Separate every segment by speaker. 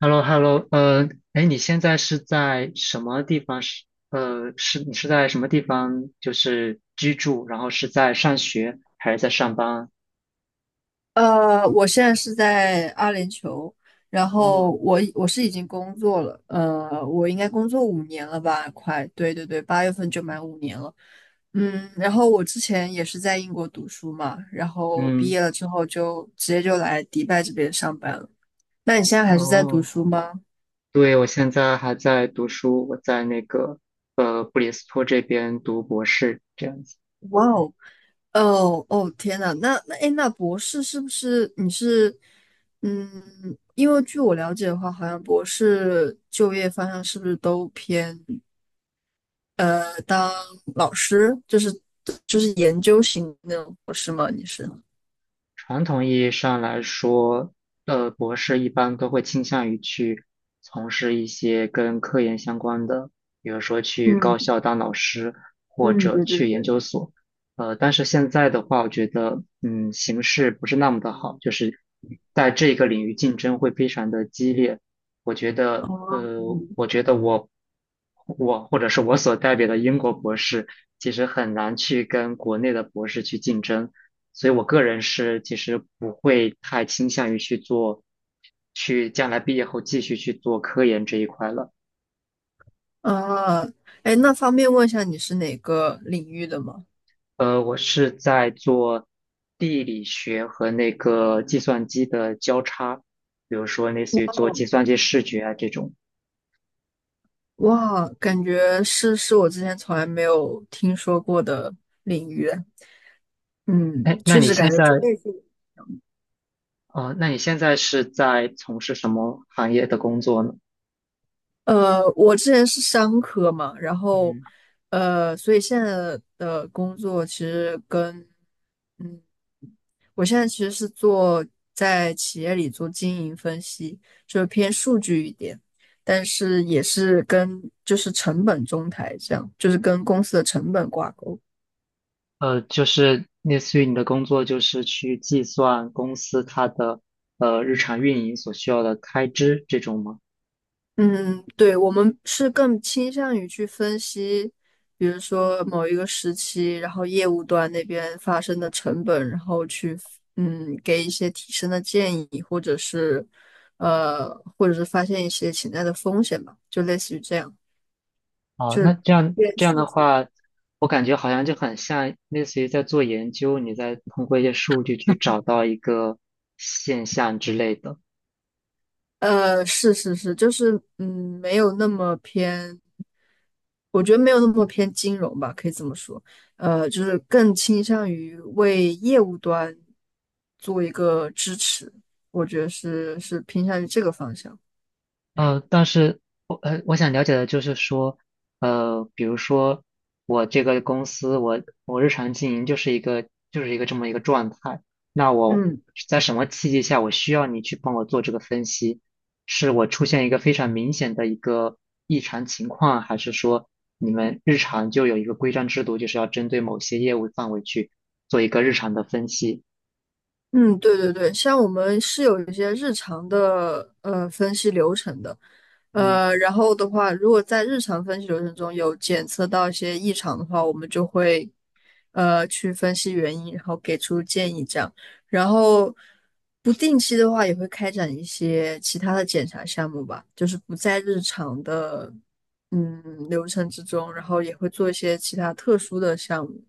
Speaker 1: h e l l o h e l l o 哎，你现在是在什么地方？你是在什么地方？就是居住，然后是在上学还是在上班？
Speaker 2: 我现在是在阿联酋，然后
Speaker 1: 哦。
Speaker 2: 我已经工作了，我应该工作五年了吧，快，对对对，八月份就满五年了。嗯，然后我之前也是在英国读书嘛，然后毕
Speaker 1: 嗯。
Speaker 2: 业了之后就直接就来迪拜这边上班了。那你现在还是在读
Speaker 1: 哦，
Speaker 2: 书吗？
Speaker 1: 对，我现在还在读书，我在那个布里斯托这边读博士，这样子。
Speaker 2: 哇哦，哦哦，天呐，那博士是不是你是，嗯，因为据我了解的话，好像博士就业方向是不是都偏当老师，就是研究型那种博士吗？你是？
Speaker 1: 传统意义上来说，博士一般都会倾向于去从事一些跟科研相关的，比如说去高
Speaker 2: 嗯
Speaker 1: 校当老师，或
Speaker 2: 嗯，
Speaker 1: 者
Speaker 2: 对对
Speaker 1: 去研
Speaker 2: 对，
Speaker 1: 究所。但是现在的话，我觉得，形势不是那么的好，就是在这个领域竞争会非常的激烈。我觉得，
Speaker 2: 哦，嗯，
Speaker 1: 我或者是我所代表的英国博士，其实很难去跟国内的博士去竞争。所以我个人是其实不会太倾向于去做，去将来毕业后继续去做科研这一块了。
Speaker 2: 啊，哎，那方便问一下你是哪个领域的吗？
Speaker 1: 我是在做地理学和那个计算机的交叉，比如说类似
Speaker 2: 哦，
Speaker 1: 于做计算机视觉啊这种。
Speaker 2: 哇，感觉是我之前从来没有听说过的领域。嗯，
Speaker 1: 哎，那
Speaker 2: 确
Speaker 1: 你
Speaker 2: 实
Speaker 1: 现
Speaker 2: 感觉这
Speaker 1: 在，
Speaker 2: 个是，
Speaker 1: 那你现在是在从事什么行业的工作呢？
Speaker 2: 我之前是商科嘛，然后，
Speaker 1: 嗯。
Speaker 2: 所以现在的工作其实跟，嗯，我现在其实是做在企业里做经营分析，就是偏数据一点，但是也是跟就是成本中台这样，就是跟公司的成本挂钩。
Speaker 1: 就是类似于你的工作，就是去计算公司它的日常运营所需要的开支这种吗？
Speaker 2: 嗯，嗯对，我们是更倾向于去分析，比如说某一个时期，然后业务端那边发生的成本，然后去嗯给一些提升的建议，或者是呃，或者是发现一些潜在的风险吧，就类似于这样。
Speaker 1: 哦，那这样
Speaker 2: 对
Speaker 1: 这样
Speaker 2: 数
Speaker 1: 的
Speaker 2: 据。
Speaker 1: 话，我感觉好像就很像类似于在做研究，你在通过一些数据去找到一个现象之类的。
Speaker 2: 是，就是嗯，没有那么偏，我觉得没有那么偏金融吧，可以这么说，就是更倾向于为业务端做一个支持，我觉得是偏向于这个方向。
Speaker 1: 呃，但是我想了解的就是说，比如说我这个公司，我日常经营就是一个这么一个状态，那我
Speaker 2: 嗯。
Speaker 1: 在什么契机下我需要你去帮我做这个分析？是我出现一个非常明显的一个异常情况，还是说你们日常就有一个规章制度，就是要针对某些业务范围去做一个日常的分析？
Speaker 2: 嗯，对对对，像我们是有一些日常的分析流程的，
Speaker 1: 嗯。
Speaker 2: 然后的话，如果在日常分析流程中有检测到一些异常的话，我们就会去分析原因，然后给出建议这样。然后不定期的话，也会开展一些其他的检查项目吧，就是不在日常的流程之中，然后也会做一些其他特殊的项目。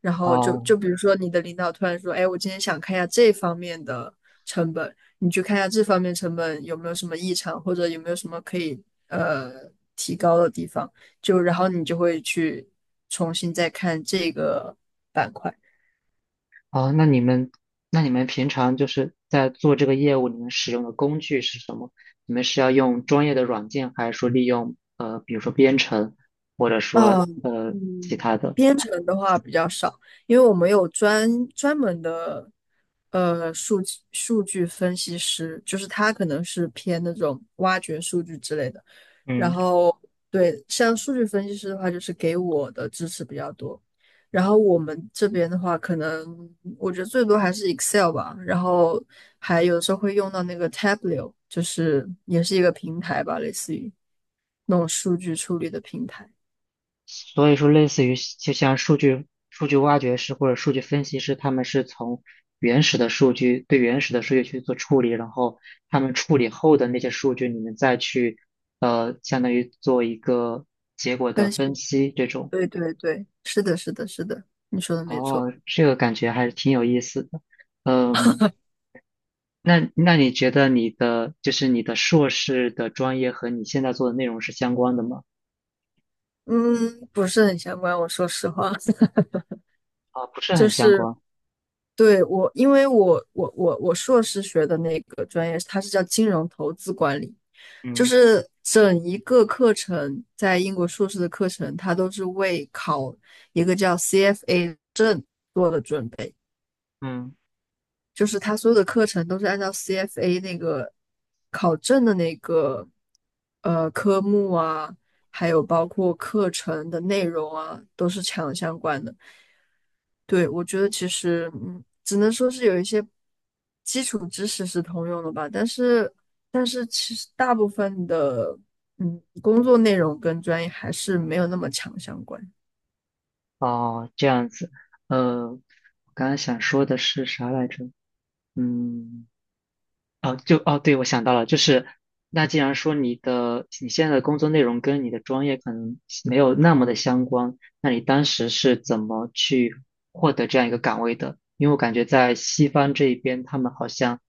Speaker 2: 然后就
Speaker 1: 啊。
Speaker 2: 就比如说你的领导突然说，哎，我今天想看一下这方面的成本，你去看一下这方面成本有没有什么异常，或者有没有什么可以呃提高的地方，就然后你就会去重新再看这个板块。
Speaker 1: 哦，那你们，那你们平常就是在做这个业务，你们使用的工具是什么？你们是要用专业的软件，还是说利用比如说编程，或者说
Speaker 2: 嗯
Speaker 1: 其
Speaker 2: 嗯，
Speaker 1: 他的？
Speaker 2: 编程的话比较少，因为我们有专门的数据分析师，就是他可能是偏那种挖掘数据之类的。然
Speaker 1: 嗯。
Speaker 2: 后对，像数据分析师的话，就是给我的支持比较多。然后我们这边的话，可能我觉得最多还是 Excel 吧，然后还有时候会用到那个 Tableau,就是也是一个平台吧，类似于那种数据处理的平台。
Speaker 1: 所以说类似于就像数据挖掘师或者数据分析师，他们是从原始的数据对原始的数据去做处理，然后他们处理后的那些数据，你们再去相当于做一个结果的
Speaker 2: 但是，
Speaker 1: 分析这种。
Speaker 2: 对对对，是的，是的，是的，你说的没错。
Speaker 1: 哦，这个感觉还是挺有意思的。嗯，那那你觉得你的就是你的硕士的专业和你现在做的内容是相关的吗？
Speaker 2: 嗯，不是很相关，我说实话。
Speaker 1: 啊，不是
Speaker 2: 就
Speaker 1: 很相
Speaker 2: 是
Speaker 1: 关。
Speaker 2: 对我，因为我硕士学的那个专业，它是叫金融投资管理，就
Speaker 1: 嗯
Speaker 2: 是整一个课程，在英国硕士的课程，它都是为考一个叫 CFA 证，
Speaker 1: 嗯。
Speaker 2: 就是它所有的课程都是按照 CFA 那个考证的那个科目啊，还有包括课程的内容啊，都是强相关的。对，我觉得其实，嗯，只能说是有一些基础知识是通用的吧，但是，但是其实大部分的，嗯，工作内容跟专业还是没有那么强相关。
Speaker 1: 哦，这样子。我刚刚想说的是啥来着？嗯。哦，对，我想到了，就是那既然说你的你现在的工作内容跟你的专业可能没有那么的相关，那你当时是怎么去获得这样一个岗位的？因为我感觉在西方这一边，他们好像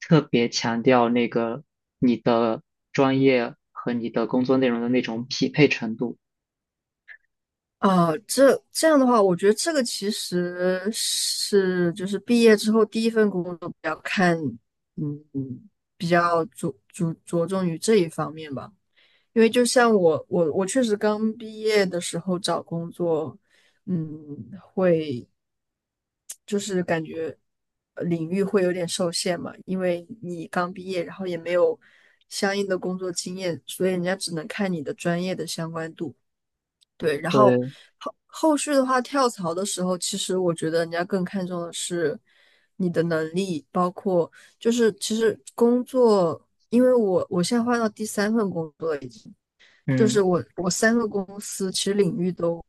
Speaker 1: 特别强调那个你的专业和你的工作内容的那种匹配程度。
Speaker 2: 啊，这这样的话，我觉得这个其实是就是毕业之后第一份工作比较看，嗯，比较着重于这一方面吧。因为就像我确实刚毕业的时候找工作，嗯，会就是感觉领域会有点受限嘛，因为你刚毕业，然后也没有相应的工作经验，所以人家只能看你的专业的相关度。对，然后
Speaker 1: 对。
Speaker 2: 后续的话，跳槽的时候，其实我觉得人家更看重的是你的能力，包括就是其实工作，因为我现在换到第三份工作了已经。就是
Speaker 1: 嗯
Speaker 2: 我三个公司其实领域都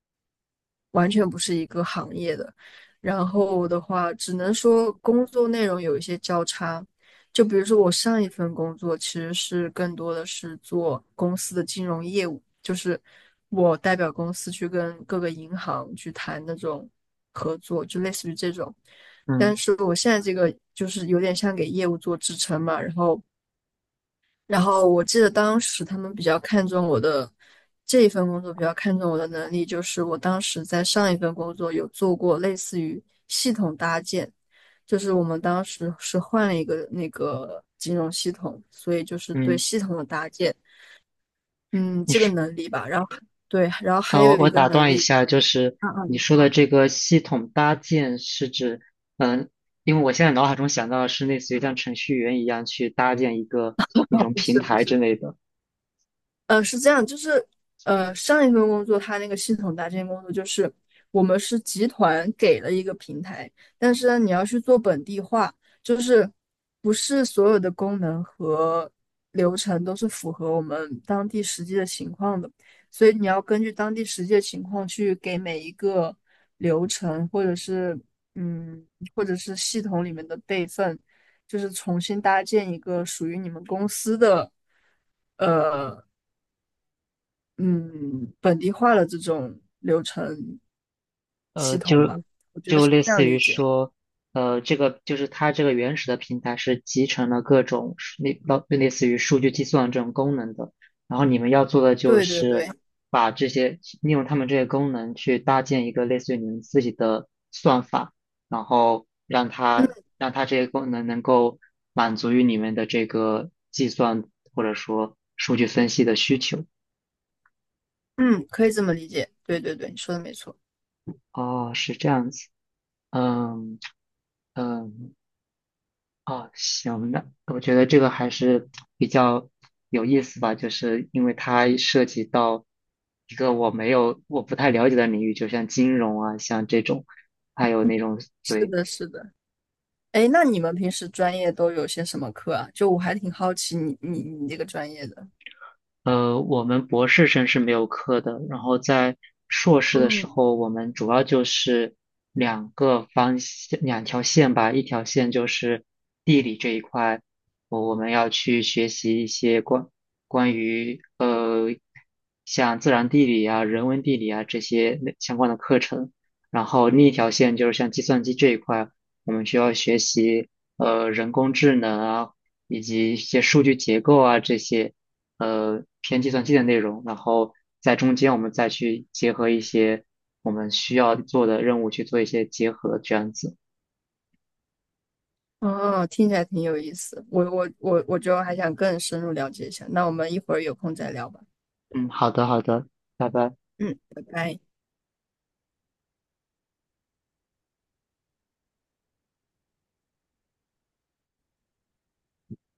Speaker 2: 完全不是一个行业的，然后的话只能说工作内容有一些交叉，就比如说我上一份工作其实是更多的是做公司的金融业务，就是我代表公司去跟各个银行去谈那种合作，就类似于这种。
Speaker 1: 嗯
Speaker 2: 但是我现在这个就是有点像给业务做支撑嘛，然后我记得当时他们比较看重我的这一份工作，比较看重我的能力，就是我当时在上一份工作有做过类似于系统搭建，就是我们当时是换了一个那个金融系统，所以就是对
Speaker 1: 嗯。
Speaker 2: 系统的搭建，嗯，
Speaker 1: 你
Speaker 2: 这个能力吧。然后对，然后还
Speaker 1: 啊，
Speaker 2: 有
Speaker 1: 我
Speaker 2: 一
Speaker 1: 我
Speaker 2: 个
Speaker 1: 打
Speaker 2: 能
Speaker 1: 断一
Speaker 2: 力，
Speaker 1: 下，就是
Speaker 2: 啊啊，
Speaker 1: 你
Speaker 2: 你
Speaker 1: 说的
Speaker 2: 说，
Speaker 1: 这个系统搭建是指，嗯，因为我现在脑海中想到的是类似于像程序员一样去搭建一个那 种
Speaker 2: 不
Speaker 1: 平
Speaker 2: 是不
Speaker 1: 台之
Speaker 2: 是。
Speaker 1: 类的。
Speaker 2: 是这样，就是上一份工作它那个系统搭建工作就是我们是集团给了一个平台，但是呢，你要去做本地化，就是不是所有的功能和流程都是符合我们当地实际的情况的，所以你要根据当地实际的情况去给每一个流程或者是嗯，或者是系统里面的备份，就是重新搭建一个属于你们公司的。呃嗯，本地化的这种流程系
Speaker 1: 呃，
Speaker 2: 统吧。
Speaker 1: 就就类似于说，这个就是它这个原始的平台是集成了各种数类类似于数据计算这种功能的，然后你们要做的就
Speaker 2: 对对
Speaker 1: 是
Speaker 2: 对，
Speaker 1: 把这些利用他们这些功能去搭建一个类似于你们自己的算法，然后让它
Speaker 2: 嗯
Speaker 1: 这些功能能够满足于你们的这个计算或者说数据分析的需求。
Speaker 2: 嗯，可以这么理解。对对对，你说的没错。
Speaker 1: 哦，是这样子。嗯嗯。啊，行，那我觉得这个还是比较有意思吧，就是因为它涉及到一个我没有、我不太了解的领域，就像金融啊，像这种，还有那种
Speaker 2: 是
Speaker 1: 对。
Speaker 2: 的，是的。哎，那你们平时专业都有些什么课啊？就我还挺好奇你这个专业的。
Speaker 1: 我们博士生是没有课的，然后在硕士的时
Speaker 2: 嗯，
Speaker 1: 候，我们主要就是两个方向，两条线吧，一条线就是地理这一块，我们要去学习一些关于像自然地理啊、人文地理啊这些内相关的课程，然后另一条线就是像计算机这一块，我们需要学习人工智能啊，以及一些数据结构啊这些。偏计算机的内容，然后在中间我们再去结合一些我们需要做的任务去做一些结合，这样子。
Speaker 2: 哦，听起来挺有意思。我就还想更深入了解一下。那我们一会儿有空再聊吧。
Speaker 1: 嗯，好的，好的，拜拜。
Speaker 2: 嗯，拜拜。